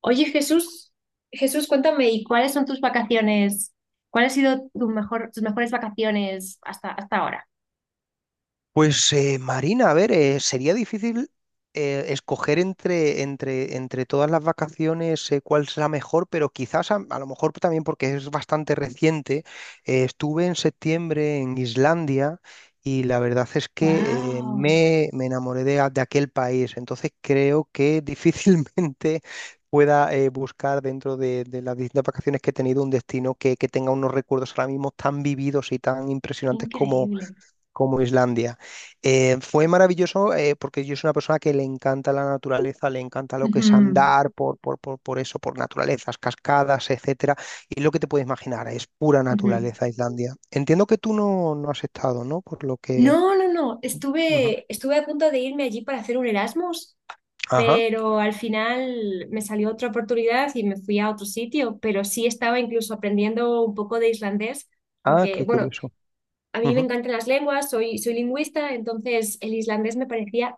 Oye, Jesús, Jesús, cuéntame, ¿y cuáles son tus vacaciones? ¿Cuál ha sido tu mejores vacaciones hasta ahora? Pues Marina, a ver, sería difícil escoger entre todas las vacaciones cuál es la mejor, pero quizás a lo mejor también porque es bastante reciente. Estuve en septiembre en Islandia y la verdad es que ¡Wow! Me enamoré de aquel país, entonces creo que difícilmente pueda buscar dentro de las distintas vacaciones que he tenido un destino que tenga unos recuerdos ahora mismo tan vividos y tan impresionantes Increíble. como Islandia. Fue maravilloso porque yo soy una persona que le encanta la naturaleza, le encanta lo que es Ujú, andar por eso, por naturalezas, cascadas, etcétera. Y lo que te puedes imaginar es pura ujú. naturaleza Islandia. Entiendo que tú no has estado, ¿no? Por lo que... No. Ujú. Estuve a punto de irme allí para hacer un Erasmus, Ajá. pero al final me salió otra oportunidad y me fui a otro sitio, pero sí estaba incluso aprendiendo un poco de islandés, Ah, porque, qué bueno, curioso. a mí me Ujú. encantan las lenguas, soy lingüista, entonces el islandés me parecía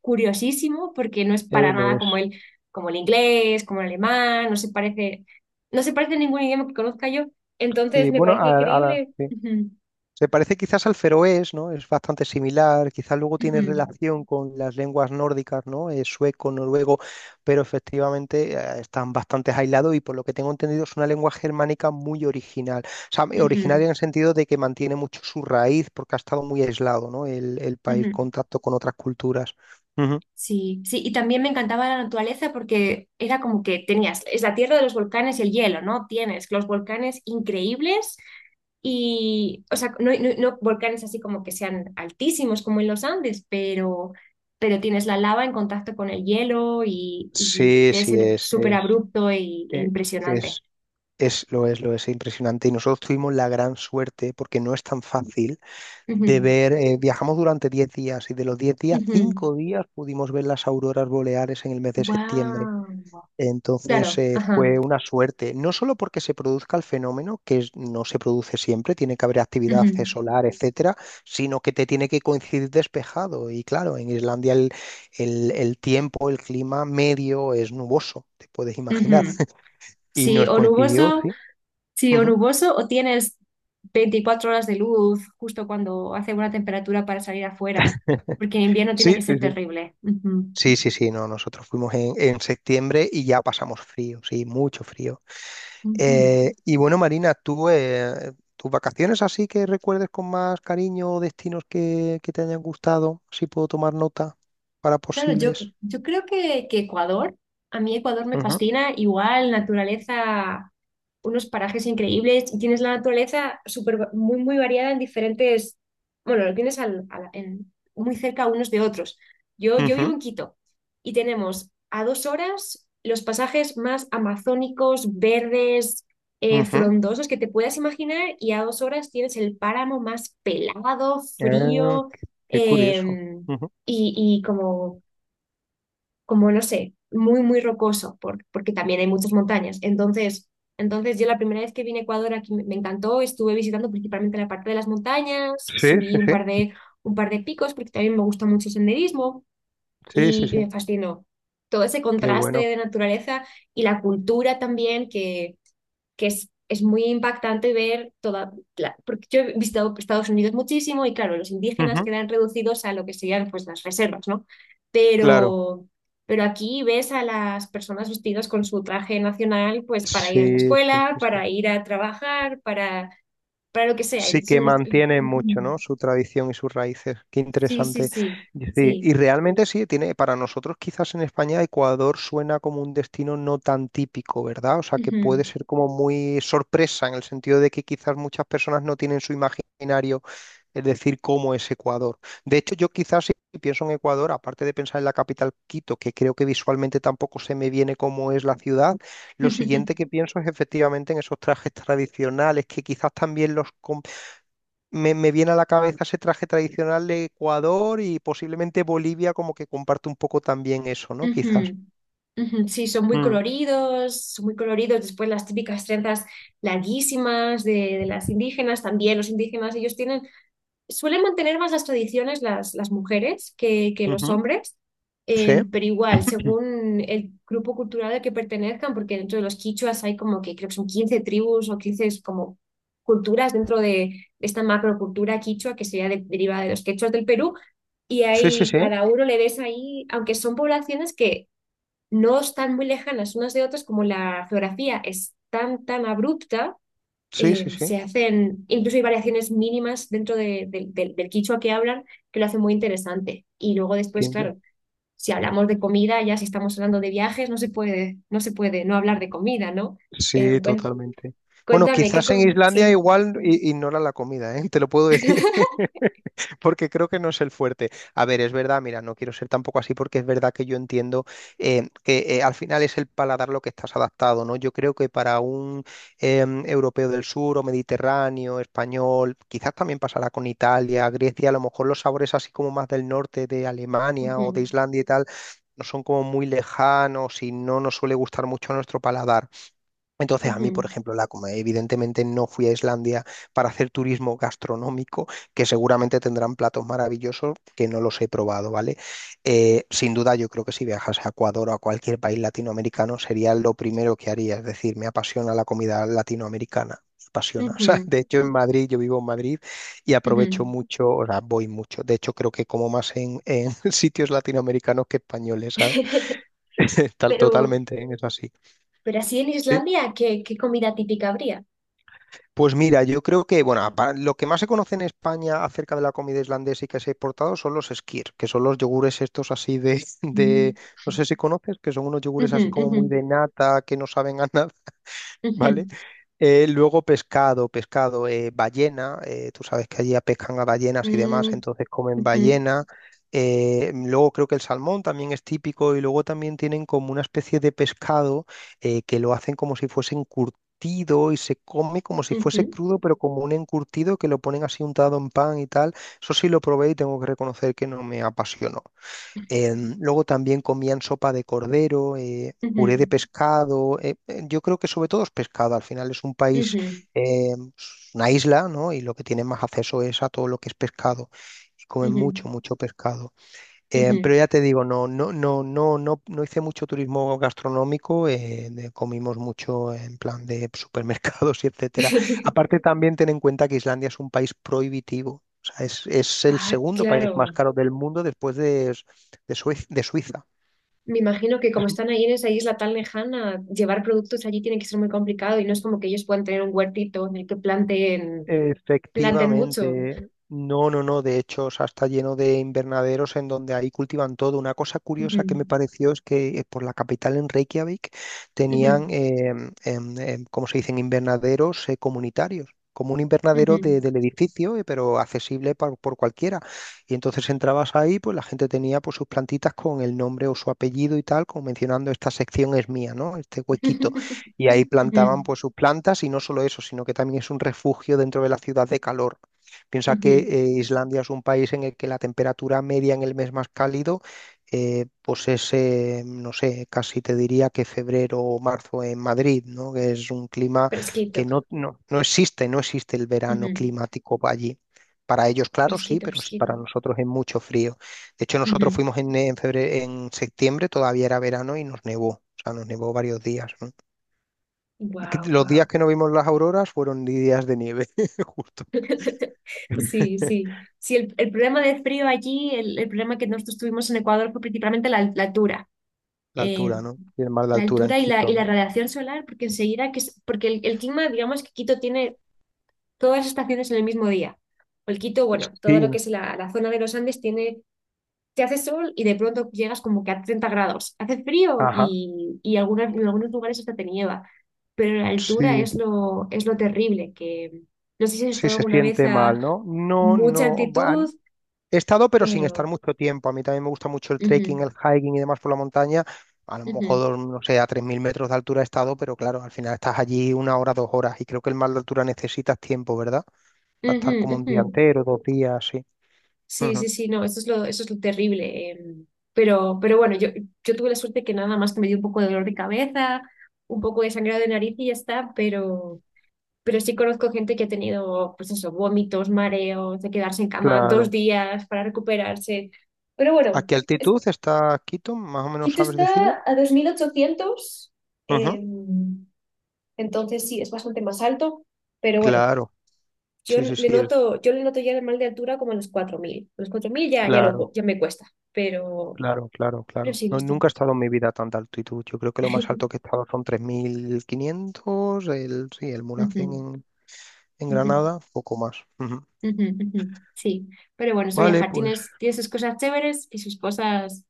curiosísimo porque no es para Lo nada es. como como el inglés, como el alemán, no se parece a ningún idioma que conozca yo. Entonces Sí, me bueno, parece increíble. sí. Se parece quizás al feroés, ¿no? Es bastante similar, quizás luego tiene ujú, relación con las lenguas nórdicas, ¿no? Sueco, noruego, pero efectivamente están bastante aislados y por lo que tengo entendido es una lengua germánica muy original. O sea, ujú, originaria en el sentido de que mantiene mucho su raíz porque ha estado muy aislado, ¿no? El país, ujú. contacto con otras culturas. Ujú. Sí, sí, y también me encantaba la naturaleza porque era como que tenías, es la tierra de los volcanes y el hielo, ¿no? Tienes los volcanes increíbles y, o sea, no volcanes así como que sean altísimos como en los Andes, pero tienes la lava en contacto con el hielo y Sí, debe sí, ser súper es, abrupto e e- impresionante. es, es, lo es, lo es, impresionante. Y nosotros tuvimos la gran suerte, porque no es tan fácil, de ver, viajamos durante 10 días y de los 10 días, 5 días pudimos ver las auroras boreales en el mes de septiembre. Wow. Entonces Claro, ajá. fue una suerte, no solo porque se produzca el fenómeno, no se produce siempre, tiene que haber actividad ujú, solar, etcétera, sino que te tiene que coincidir despejado. Y claro, en Islandia el tiempo, el clima medio es nuboso, te puedes imaginar. ujú. Y Sí, nos o coincidió, nuboso sí. Sí, o Ujú. nuboso, o tienes 24 horas de luz justo cuando hace buena temperatura para salir afuera, porque en invierno tiene Sí, que sí, ser sí. terrible. Ujú, Sí, sí, sí, no, nosotros fuimos en septiembre y ya pasamos frío, sí, mucho frío. ujú. Y bueno, Marina, ¿tú, tus vacaciones así que recuerdes con más cariño o destinos que te hayan gustado? Así puedo tomar nota para Claro, yo, posibles. yo creo que Ecuador, a mí Ecuador me Ujú, fascina, igual naturaleza, unos parajes increíbles, y tienes la naturaleza muy, muy variada en diferentes, bueno, lo tienes muy cerca unos de otros. Yo vivo ujú, en Quito y tenemos a 2 horas los pasajes más amazónicos, verdes, ujú. frondosos que te puedas imaginar y a 2 horas tienes el páramo más pelado, Ah, frío. qué curioso. em, Ujú. y, y como como no sé, muy, muy rocoso, porque también hay muchas montañas. Entonces yo la primera vez que vine a Ecuador aquí me encantó, estuve visitando principalmente la parte de las montañas, Sí, subí sí, sí, un par de picos porque también me gusta mucho el senderismo sí, sí, y sí, me fascinó todo ese qué contraste bueno. de naturaleza y la cultura también que es muy impactante ver porque yo he visitado Estados Unidos muchísimo y claro, los indígenas Ujú, quedan reducidos a lo que serían pues las reservas, ¿no? claro. Pero, pero aquí ves a las personas vestidas con su traje nacional pues para ir a la Sí, sí, escuela, sí, sí. para ir a trabajar, para lo que sea. Sí Entonces que me estoy- mantienen mucho, Ujú. ¿no? Su tradición y sus raíces. Qué Sí, sí, interesante. sí, Y sí, sí. y realmente sí, tiene, para nosotros quizás en España Ecuador suena como un destino no tan típico, ¿verdad? O sea, que puede Ujú. ser como muy sorpresa en el sentido de que quizás muchas personas no tienen su imaginario, es decir, cómo es Ecuador. De hecho, yo quizás si pienso en Ecuador, aparte de pensar en la capital Quito, que creo que visualmente tampoco se me viene cómo es la ciudad, lo siguiente que pienso es efectivamente en esos trajes tradicionales que quizás también me viene a la cabeza ese traje tradicional de Ecuador y posiblemente Bolivia como que comparte un poco también eso, ¿no? Quizás. Ujú, ujú, Sí, son muy Mm, coloridos, son muy coloridos. Después las típicas trenzas larguísimas de las indígenas, también los indígenas, ellos tienen, suelen mantener más las tradiciones las mujeres que los ujú. hombres, Sí, pero igual, según el grupo cultural al que pertenezcan, porque dentro de los quichuas hay como que creo que son 15 tribus o 15 es como culturas de esta macrocultura quichua que sería derivada de los quechuas del Perú. Y sí, sí, ahí sí, cada uno le ves ahí, aunque son poblaciones que no están muy lejanas unas de otras, como la geografía es tan abrupta, sí, sí, sí. se hacen, incluso hay variaciones mínimas dentro del del quichua que hablan que lo hacen muy interesante. Y luego después, Qué claro, si hablamos de comida, ya si estamos hablando de viajes, no se puede no hablar de comida, ¿no? Eh, Sí, cuen- totalmente. Bueno, cuéntame, ¿qué quizás en com- Islandia Sí. igual ignora la comida, ¿eh? Te lo puedo decir, porque creo que no es el fuerte. A ver, es verdad, mira, no quiero ser tampoco así porque es verdad que yo entiendo que al final es el paladar lo que estás adaptado, ¿no? Yo creo que para un europeo del sur o mediterráneo, español, quizás también pasará con Italia, Grecia, a lo mejor los sabores así como más del norte de Alemania o de Ujú, Islandia y tal, no son como muy lejanos y no nos suele gustar mucho a nuestro paladar. Entonces, a mí, por ujú, ejemplo, la comida, evidentemente no fui a Islandia para hacer turismo gastronómico, que seguramente tendrán platos maravillosos que no los he probado, ¿vale? Sin duda, yo creo que si viajas a Ecuador o a cualquier país latinoamericano sería lo primero que haría, es decir, me apasiona la comida latinoamericana. Me apasiona. O sea, ujú, de hecho en Madrid, yo vivo en Madrid y aprovecho ujú. mucho, o sea, voy mucho. De hecho, creo que como más en sitios latinoamericanos que españoles, ¿sabes? Tal, Pero, totalmente, ¿eh? Es así. pero así en ¿Sí? Islandia, ¿qué comida típica habría? Pues mira, yo creo que, bueno, lo que más se conoce en España acerca de la comida islandesa y que se ha exportado son los skyr, que son los yogures estos así de, Mm. no sé si conoces, que son unos yogures Ujú, así como ujú, muy de nata, que no saben a nada, ¿vale? ujú. Luego pescado, pescado, ballena, tú sabes que allí pescan a ballenas y demás, Mm, entonces comen ujú, ballena. Luego creo que el salmón también es típico y luego también tienen como una especie de pescado que lo hacen como si fuese encurtido y se come como si fuese ujú, crudo, pero como un encurtido que lo ponen así untado en pan y tal. Eso sí lo probé y tengo que reconocer que no me apasionó. Luego también comían sopa de cordero, puré de ujú, pescado. Yo creo que sobre todo es pescado. Al final es un país, ujú, eh, es una isla, ¿no? Y lo que tienen más acceso es a todo lo que es pescado. Y comen ujú, mucho, mucho pescado. Ujú. Pero ya te digo, no, no, no, no, no, no hice mucho turismo gastronómico, comimos mucho en plan de supermercados y etcétera. Aparte también ten en cuenta que Islandia es un país prohibitivo, o sea, es el Ah, segundo país más claro. caro del mundo después de Suiza. Me imagino que como están ahí en esa isla tan lejana, llevar productos allí tiene que ser muy complicado y no es como que ellos puedan tener un huertito en el que planten mucho. Efectivamente. No, no, no. De hecho, o sea, está lleno de invernaderos en donde ahí cultivan todo. Una cosa Ujú, curiosa que me pareció es que por la capital en Reykjavik tenían, ujú, ¿cómo se dicen? Invernaderos comunitarios. Como un invernadero ujú, del edificio, pero accesible por cualquiera. Y entonces entrabas ahí, pues la gente tenía pues, sus plantitas con el nombre o su apellido y tal, como mencionando esta sección es mía, ¿no? Este huequito y ahí ujú, plantaban pues sus plantas y no solo eso, sino que también es un refugio dentro de la ciudad de calor. Piensa que ujú. Islandia es un país en el que la temperatura media en el mes más cálido no sé, casi te diría que febrero o marzo en Madrid, ¿no? Que es un clima Fresquito, que no, no, no existe, no existe el verano ujú, climático allí. Para ellos, claro, sí, Fresquito, pero sí fresquito. para nosotros es mucho frío. De hecho, nosotros fuimos en septiembre, todavía era verano y nos nevó, o sea, nos nevó varios días, ¿no? Que Wow, los días wow. que no vimos las auroras fueron días de nieve, justo. Sí, sí. Sí, el problema de frío allí, el problema que nosotros tuvimos en Ecuador fue principalmente la altura. La Eh, altura, ¿no? Y el mar de la altura en altura y Quito, y la ¿no? radiación solar, porque enseguida que es, porque el clima, digamos que Quito tiene todas las estaciones en el mismo día. O el Quito, bueno, todo Sí, lo que es la zona de los Andes tiene te hace sol y de pronto llegas como que a 30 grados. Hace frío ajá. Y en algunos lugares hasta te nieva, pero la altura Sí, es lo terrible, que no sé si has sí estado se alguna vez siente a mal, ¿no? No, mucha no. altitud, He estado, pero sin estar pero... mucho tiempo. A mí también me gusta mucho el trekking, ujú, el hiking y demás por la montaña. A lo ujú, mejor, no sé, a 3.000 metros de altura he estado, pero claro, al final estás allí 1 hora, 2 horas. Y creo que el mar de altura necesitas tiempo, ¿verdad? Para ujú, estar como un ujú. día entero, 2 días, sí. Sí, Ujú. sí, sí, no, eso es lo terrible. Em, pero bueno, yo tuve la suerte que nada más que me dio un poco de dolor de cabeza, un poco de sangrado de nariz y ya está, pero sí conozco gente que ha tenido, pues eso, vómitos, mareos, de quedarse en cama dos Claro. días para recuperarse. Pero ¿A bueno, qué es- altitud está Quito? Más o menos Quito sabes está decirme. a 2.800, Ujú. eh, entonces sí, es bastante más alto, pero bueno, Claro, sí, sí, sí, yo le noto ya el mal de altura como a los 4.000. A los 4000 claro, ya me cuesta, pero, claro, claro, pero claro. sí, no No, nunca he estamos. estado en mi vida a tanta altitud. Yo creo que lo más alto que he estado son 3.500. Sí, el Mulhacén Ujú, en ujú, Granada, poco más. Ujú. ujú, ujú. Sí, pero bueno, eso Vale, viajar. pues. Tiene sus cosas chéveres y sus cosas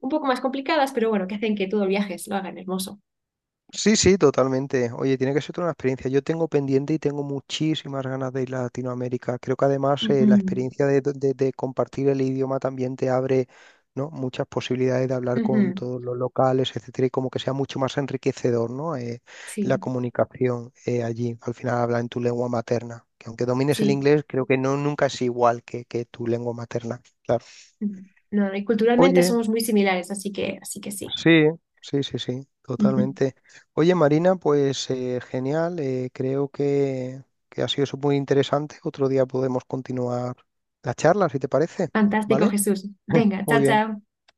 un poco más complicadas, pero bueno, que hacen que todo el viaje se lo hagan hermoso. Sí, sí, totalmente. Oye, tiene que ser toda una experiencia. Yo tengo pendiente y tengo muchísimas ganas de ir a Latinoamérica. Creo que además la experiencia de compartir el idioma también te abre, ¿no? Muchas posibilidades de hablar Ujú, con ujú, todos los locales, etcétera, y como que sea mucho más enriquecedor, ¿no? La Sí, comunicación allí. Al final habla en tu lengua materna, que aunque domines el sí. inglés, creo que no, nunca es igual que tu lengua materna. Claro. ujú. No, y culturalmente Oye. somos muy similares, así que sí. Sí, sí, sí, sí, Ujú. totalmente. Oye, Marina, pues genial, creo que ha sido eso muy interesante. Otro día podemos continuar la charla, si te parece, Fantástico, ¿vale? Jesús. Venga, chao, Muy bien. chao.